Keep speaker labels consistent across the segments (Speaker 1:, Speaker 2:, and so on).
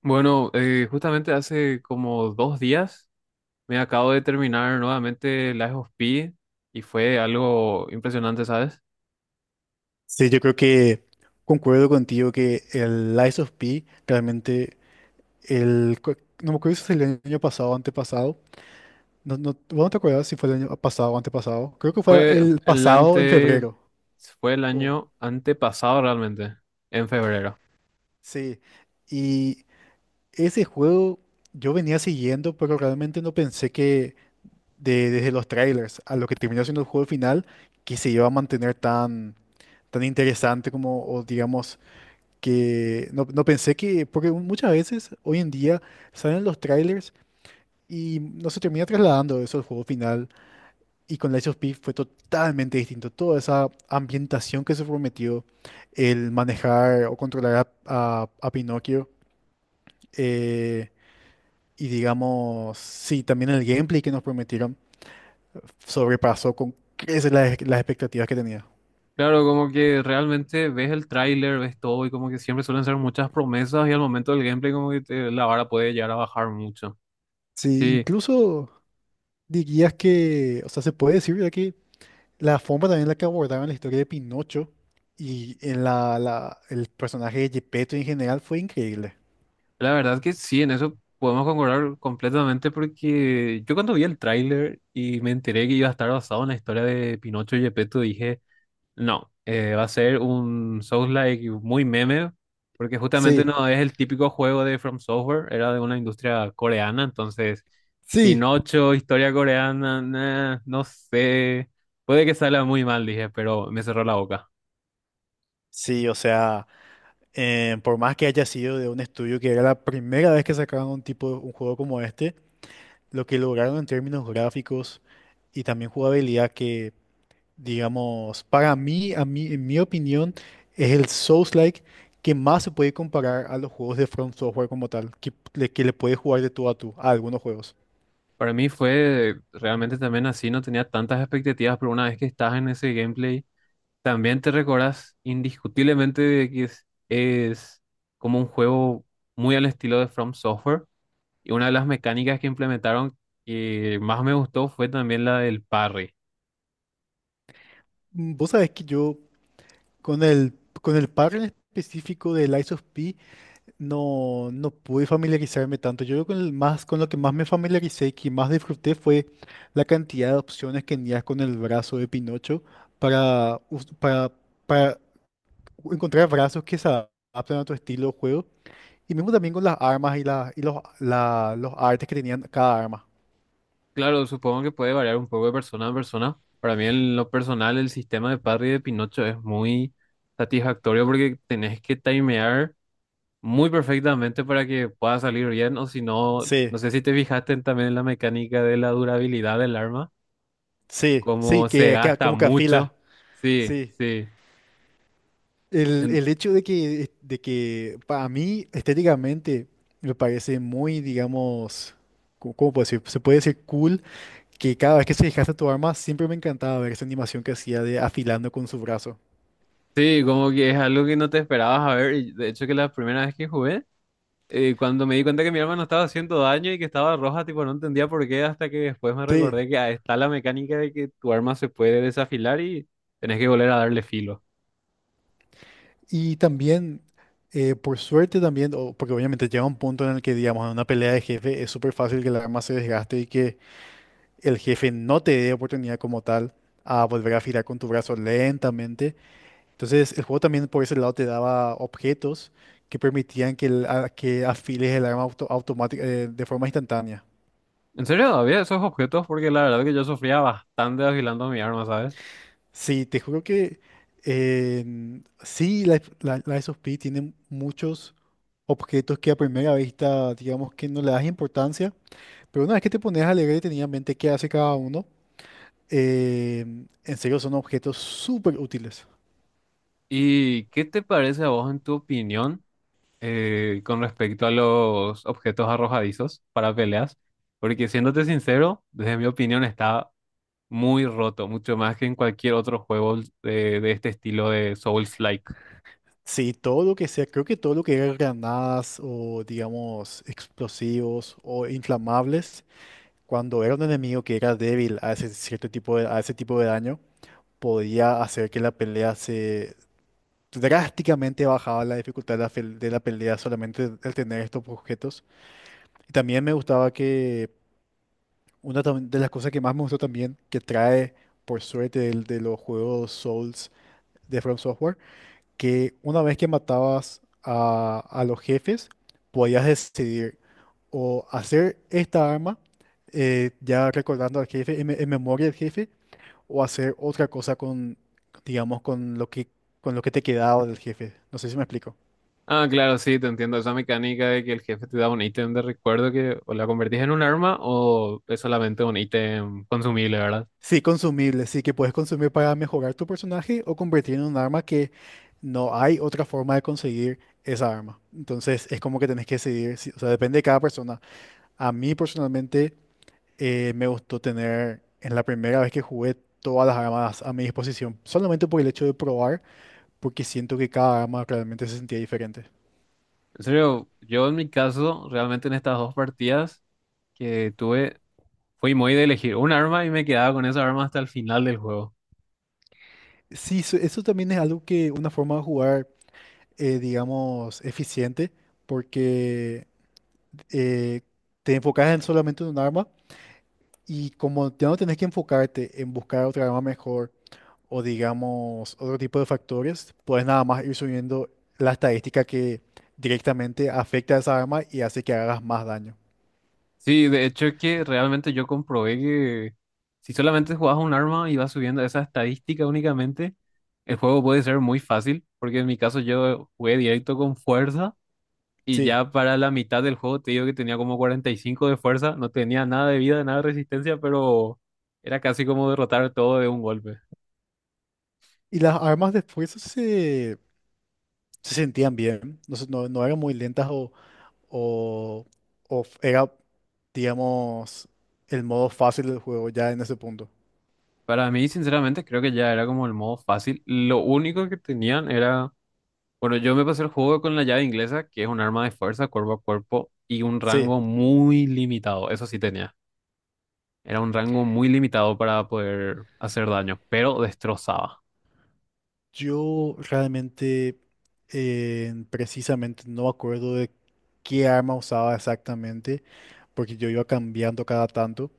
Speaker 1: Bueno, justamente hace como 2 días me acabo de terminar nuevamente Lies of P y fue algo impresionante, ¿sabes?
Speaker 2: Sí, yo creo que concuerdo contigo que el Lies of P realmente, el, cu- no me acuerdo si fue el año pasado o antepasado. No, no, ¿vos no te acuerdas si fue el año pasado o antepasado? Creo que fue
Speaker 1: Fue
Speaker 2: el
Speaker 1: el
Speaker 2: pasado en
Speaker 1: ante,
Speaker 2: febrero.
Speaker 1: Fue el
Speaker 2: Oh,
Speaker 1: año antepasado realmente, en febrero.
Speaker 2: sí, y ese juego yo venía siguiendo, pero realmente no pensé que desde los trailers a lo que terminó siendo el juego final, que se iba a mantener tan, tan interesante como, o digamos que no pensé que, porque muchas veces hoy en día salen los trailers y no se termina trasladando eso al juego final. Y con Lies of P fue totalmente distinto. Toda esa ambientación que se prometió, el manejar o controlar a, a Pinocchio, eh, y digamos, sí, también el gameplay que nos prometieron sobrepasó con creces las expectativas que tenía.
Speaker 1: Claro, como que realmente ves el tráiler, ves todo y como que siempre suelen ser muchas promesas y al momento del gameplay como que la vara puede llegar a bajar mucho.
Speaker 2: Sí,
Speaker 1: Sí,
Speaker 2: incluso dirías que, o sea, se puede decir ya. La forma también en la que abordaron la historia de Pinocho y en el personaje de Gepetto en general fue increíble.
Speaker 1: la verdad que sí, en eso podemos concordar completamente porque yo cuando vi el tráiler y me enteré que iba a estar basado en la historia de Pinocho y Gepetto, dije, no, va a ser un Souls-like muy meme, porque justamente
Speaker 2: Sí,
Speaker 1: no es el típico juego de From Software, era de una industria coreana, entonces
Speaker 2: sí.
Speaker 1: Pinocho, historia coreana, nah, no sé, puede que salga muy mal, dije, pero me cerró la boca.
Speaker 2: Sí, o sea, por más que haya sido de un estudio que era la primera vez que sacaron un tipo, un juego como este, lo que lograron en términos gráficos y también jugabilidad que, digamos, para mí, a mí, en mi opinión, es el Souls-like que más se puede comparar a los juegos de From Software como tal, que, que le puede jugar de tú a tú a algunos juegos.
Speaker 1: Para mí fue realmente también así, no tenía tantas expectativas, pero una vez que estás en ese gameplay también te recordás indiscutiblemente de que es como un juego muy al estilo de From Software. Y una de las mecánicas que implementaron que más me gustó fue también la del parry.
Speaker 2: Mm, vos sabés que yo con el, con el par en específico de Lies of P no, no pude familiarizarme tanto. Yo creo que con el más, con lo que más me familiaricé y que más disfruté fue la cantidad de opciones que tenías con el brazo de Pinocho para, para encontrar brazos que se adaptan a tu estilo de juego. Y mismo también con las armas y, la, y los, los artes que tenían cada arma.
Speaker 1: Claro, supongo que puede variar un poco de persona a persona. Para mí, en lo personal, el sistema de parry de Pinocho es muy satisfactorio porque tenés que timear muy perfectamente para que pueda salir bien. O si no, no
Speaker 2: Sí,
Speaker 1: sé si te fijaste también en la mecánica de la durabilidad del arma
Speaker 2: sí, sí,
Speaker 1: cómo se
Speaker 2: que
Speaker 1: gasta
Speaker 2: como que afila.
Speaker 1: mucho. Sí,
Speaker 2: Sí.
Speaker 1: sí. En-
Speaker 2: El hecho de que para mí estéticamente me parece muy, digamos, ¿cómo cómo puedo decir? Se puede decir cool que cada vez que se desgasta tu arma siempre me encantaba ver esa animación que hacía de afilando con su brazo.
Speaker 1: sí, como que es algo que no te esperabas a ver. Y de hecho, que la primera vez que jugué, cuando me di cuenta que mi arma no estaba haciendo daño y que estaba roja, tipo, no entendía por qué, hasta que después me
Speaker 2: Sí,
Speaker 1: recordé que ah, está la mecánica de que tu arma se puede desafilar y tenés que volver a darle filo.
Speaker 2: y también, por suerte también, porque obviamente llega un punto en el que, digamos, en una pelea de jefe es súper fácil que el arma se desgaste y que el jefe no te dé oportunidad como tal a volver a afilar con tu brazo lentamente. Entonces, el juego también por ese lado te daba objetos que permitían que, que afiles el arma auto, automática, de forma instantánea.
Speaker 1: En serio, había esos objetos porque la verdad que yo sufría bastante afilando mi arma, ¿sabes?
Speaker 2: Sí, te juro que eh, sí, la, la, la SOP tiene muchos objetos que a primera vista, digamos que no le das importancia, pero una vez que te pones a leer detenidamente qué hace cada uno, eh, en serio son objetos súper útiles.
Speaker 1: ¿Y qué te parece a vos, en tu opinión? Con respecto a los objetos arrojadizos para peleas, porque siéndote sincero, desde mi opinión está muy roto, mucho más que en cualquier otro juego de este estilo de Souls-like.
Speaker 2: Sí, todo lo que sea, creo que todo lo que era granadas o digamos explosivos o inflamables, cuando era un enemigo que era débil a ese cierto tipo de, a ese tipo de daño, podía hacer que la pelea se drásticamente bajaba la dificultad de de la pelea solamente el tener estos objetos. Y también me gustaba que de las cosas que más me gustó también, que trae por suerte de, los juegos Souls de From Software, que una vez que matabas a los jefes, podías decidir o hacer esta arma, ya recordando al jefe, en memoria del jefe, o hacer otra cosa con, digamos, con lo que te quedaba del jefe. No sé si me explico.
Speaker 1: Ah, claro, sí, te entiendo esa mecánica de que el jefe te da un ítem de recuerdo que o la convertís en un arma o es solamente un ítem consumible, ¿verdad?
Speaker 2: Sí, consumible, sí, que puedes consumir para mejorar tu personaje o convertir en un arma que no hay otra forma de conseguir esa arma. Entonces es como que tenés que decidir, o sea, depende de cada persona. A mí personalmente me gustó tener en la primera vez que jugué todas las armas a mi disposición, solamente por el hecho de probar, porque siento que cada arma realmente se sentía diferente.
Speaker 1: En serio, yo en mi caso, realmente en estas dos partidas que tuve, fui muy de elegir un arma y me quedaba con esa arma hasta el final del juego.
Speaker 2: Sí, eso también es algo que una forma de jugar, digamos, eficiente, porque eh, te enfocas en solamente en un arma y como ya no tenés que enfocarte en buscar otra arma mejor o digamos otro tipo de factores, puedes nada más ir subiendo la estadística que directamente afecta a esa arma y hace que hagas más daño.
Speaker 1: Sí, de hecho es que realmente yo comprobé que si solamente jugabas un arma y vas subiendo esa estadística únicamente, el juego puede ser muy fácil, porque en mi caso yo jugué directo con fuerza y
Speaker 2: Sí,
Speaker 1: ya para la mitad del juego te digo que tenía como 45 de fuerza, no tenía nada de vida, nada de resistencia, pero era casi como derrotar todo de un golpe.
Speaker 2: y las armas de fuerza se, se sentían bien, no, no, no eran muy lentas o, era, digamos, el modo fácil del juego ya en ese punto.
Speaker 1: Para mí, sinceramente, creo que ya era como el modo fácil. Lo único que tenían era. Bueno, yo me pasé el juego con la llave inglesa, que es un arma de fuerza cuerpo a cuerpo y un
Speaker 2: Sí,
Speaker 1: rango muy limitado. Eso sí tenía. Era un rango muy limitado para poder hacer daño, pero destrozaba.
Speaker 2: yo realmente precisamente no me acuerdo de qué arma usaba exactamente, porque yo iba cambiando cada tanto.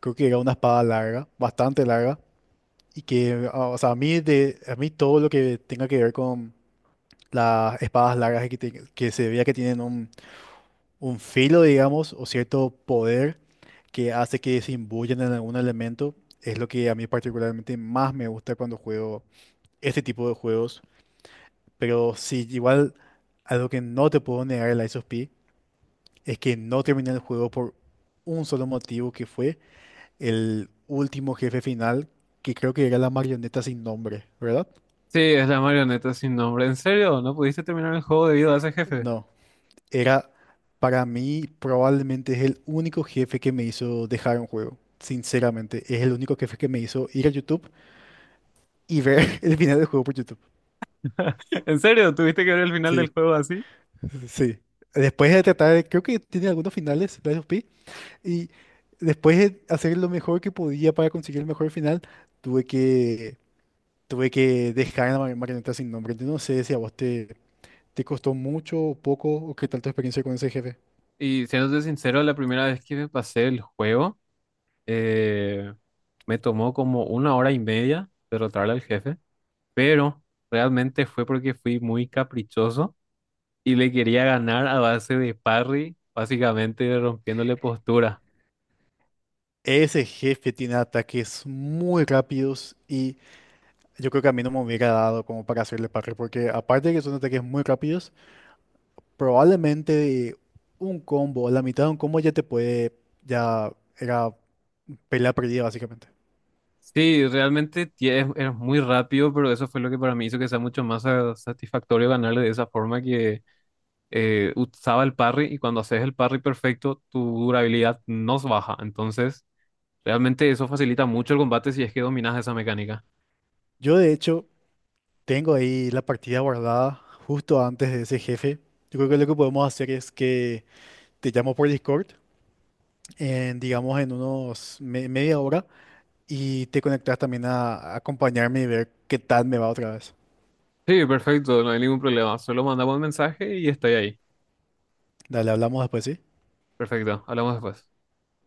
Speaker 2: Creo que era una espada larga, bastante larga, y que, ah, o sea, a mí, de, a mí todo lo que tenga que ver con las espadas largas que, que se veía que tienen un filo, digamos, o cierto poder que hace que se imbuyan en algún elemento. Es lo que a mí particularmente más me gusta cuando juego este tipo de juegos. Pero sí, igual algo que no te puedo negar el Lies of P es que no terminé el juego por un solo motivo que fue el último jefe final, que creo que era la marioneta sin nombre, ¿verdad?
Speaker 1: Sí, es la marioneta sin nombre. ¿En serio? ¿No pudiste terminar el juego debido a ese jefe?
Speaker 2: No. Era, para mí, probablemente es el único jefe que me hizo dejar un juego. Sinceramente, es el único jefe que me hizo ir a YouTube y ver el final del juego por YouTube.
Speaker 1: ¿En serio? ¿Tuviste que ver el final del
Speaker 2: Sí,
Speaker 1: juego así?
Speaker 2: sí. Después de tratar, creo que tiene algunos finales, Lies of P, y después de hacer lo mejor que podía para conseguir el mejor final, tuve que, tuve que dejar a la marioneta sin nombre. Yo no sé si a vos te, te costó mucho o poco, o qué tal tu experiencia con ese jefe.
Speaker 1: Y siéndote sincero, la primera vez que me pasé el juego, eh, me tomó como 1 hora y media derrotarle al jefe, pero realmente fue porque fui muy caprichoso y le quería ganar a base de parry, básicamente rompiéndole postura.
Speaker 2: Ese jefe tiene ataques muy rápidos y yo creo que a mí no me hubiera dado como para hacerle parry, porque aparte de que son ataques muy rápidos, probablemente un combo, la mitad de un combo ya te puede, ya era pelea perdida básicamente.
Speaker 1: Sí, realmente es muy rápido, pero eso fue lo que para mí hizo que sea mucho más satisfactorio ganarle de esa forma que usaba el parry y cuando haces el parry perfecto, tu durabilidad no se baja. Entonces, realmente eso facilita mucho el combate si es que dominas esa mecánica.
Speaker 2: Yo de hecho tengo ahí la partida guardada justo antes de ese jefe. Yo creo que lo que podemos hacer es que te llamo por Discord, digamos en unos media hora, y te conectas también a acompañarme y ver qué tal me va otra vez.
Speaker 1: Sí, perfecto, no hay ningún problema. Solo mandamos un mensaje y estoy ahí.
Speaker 2: Dale, hablamos después, ¿sí?
Speaker 1: Perfecto, hablamos después.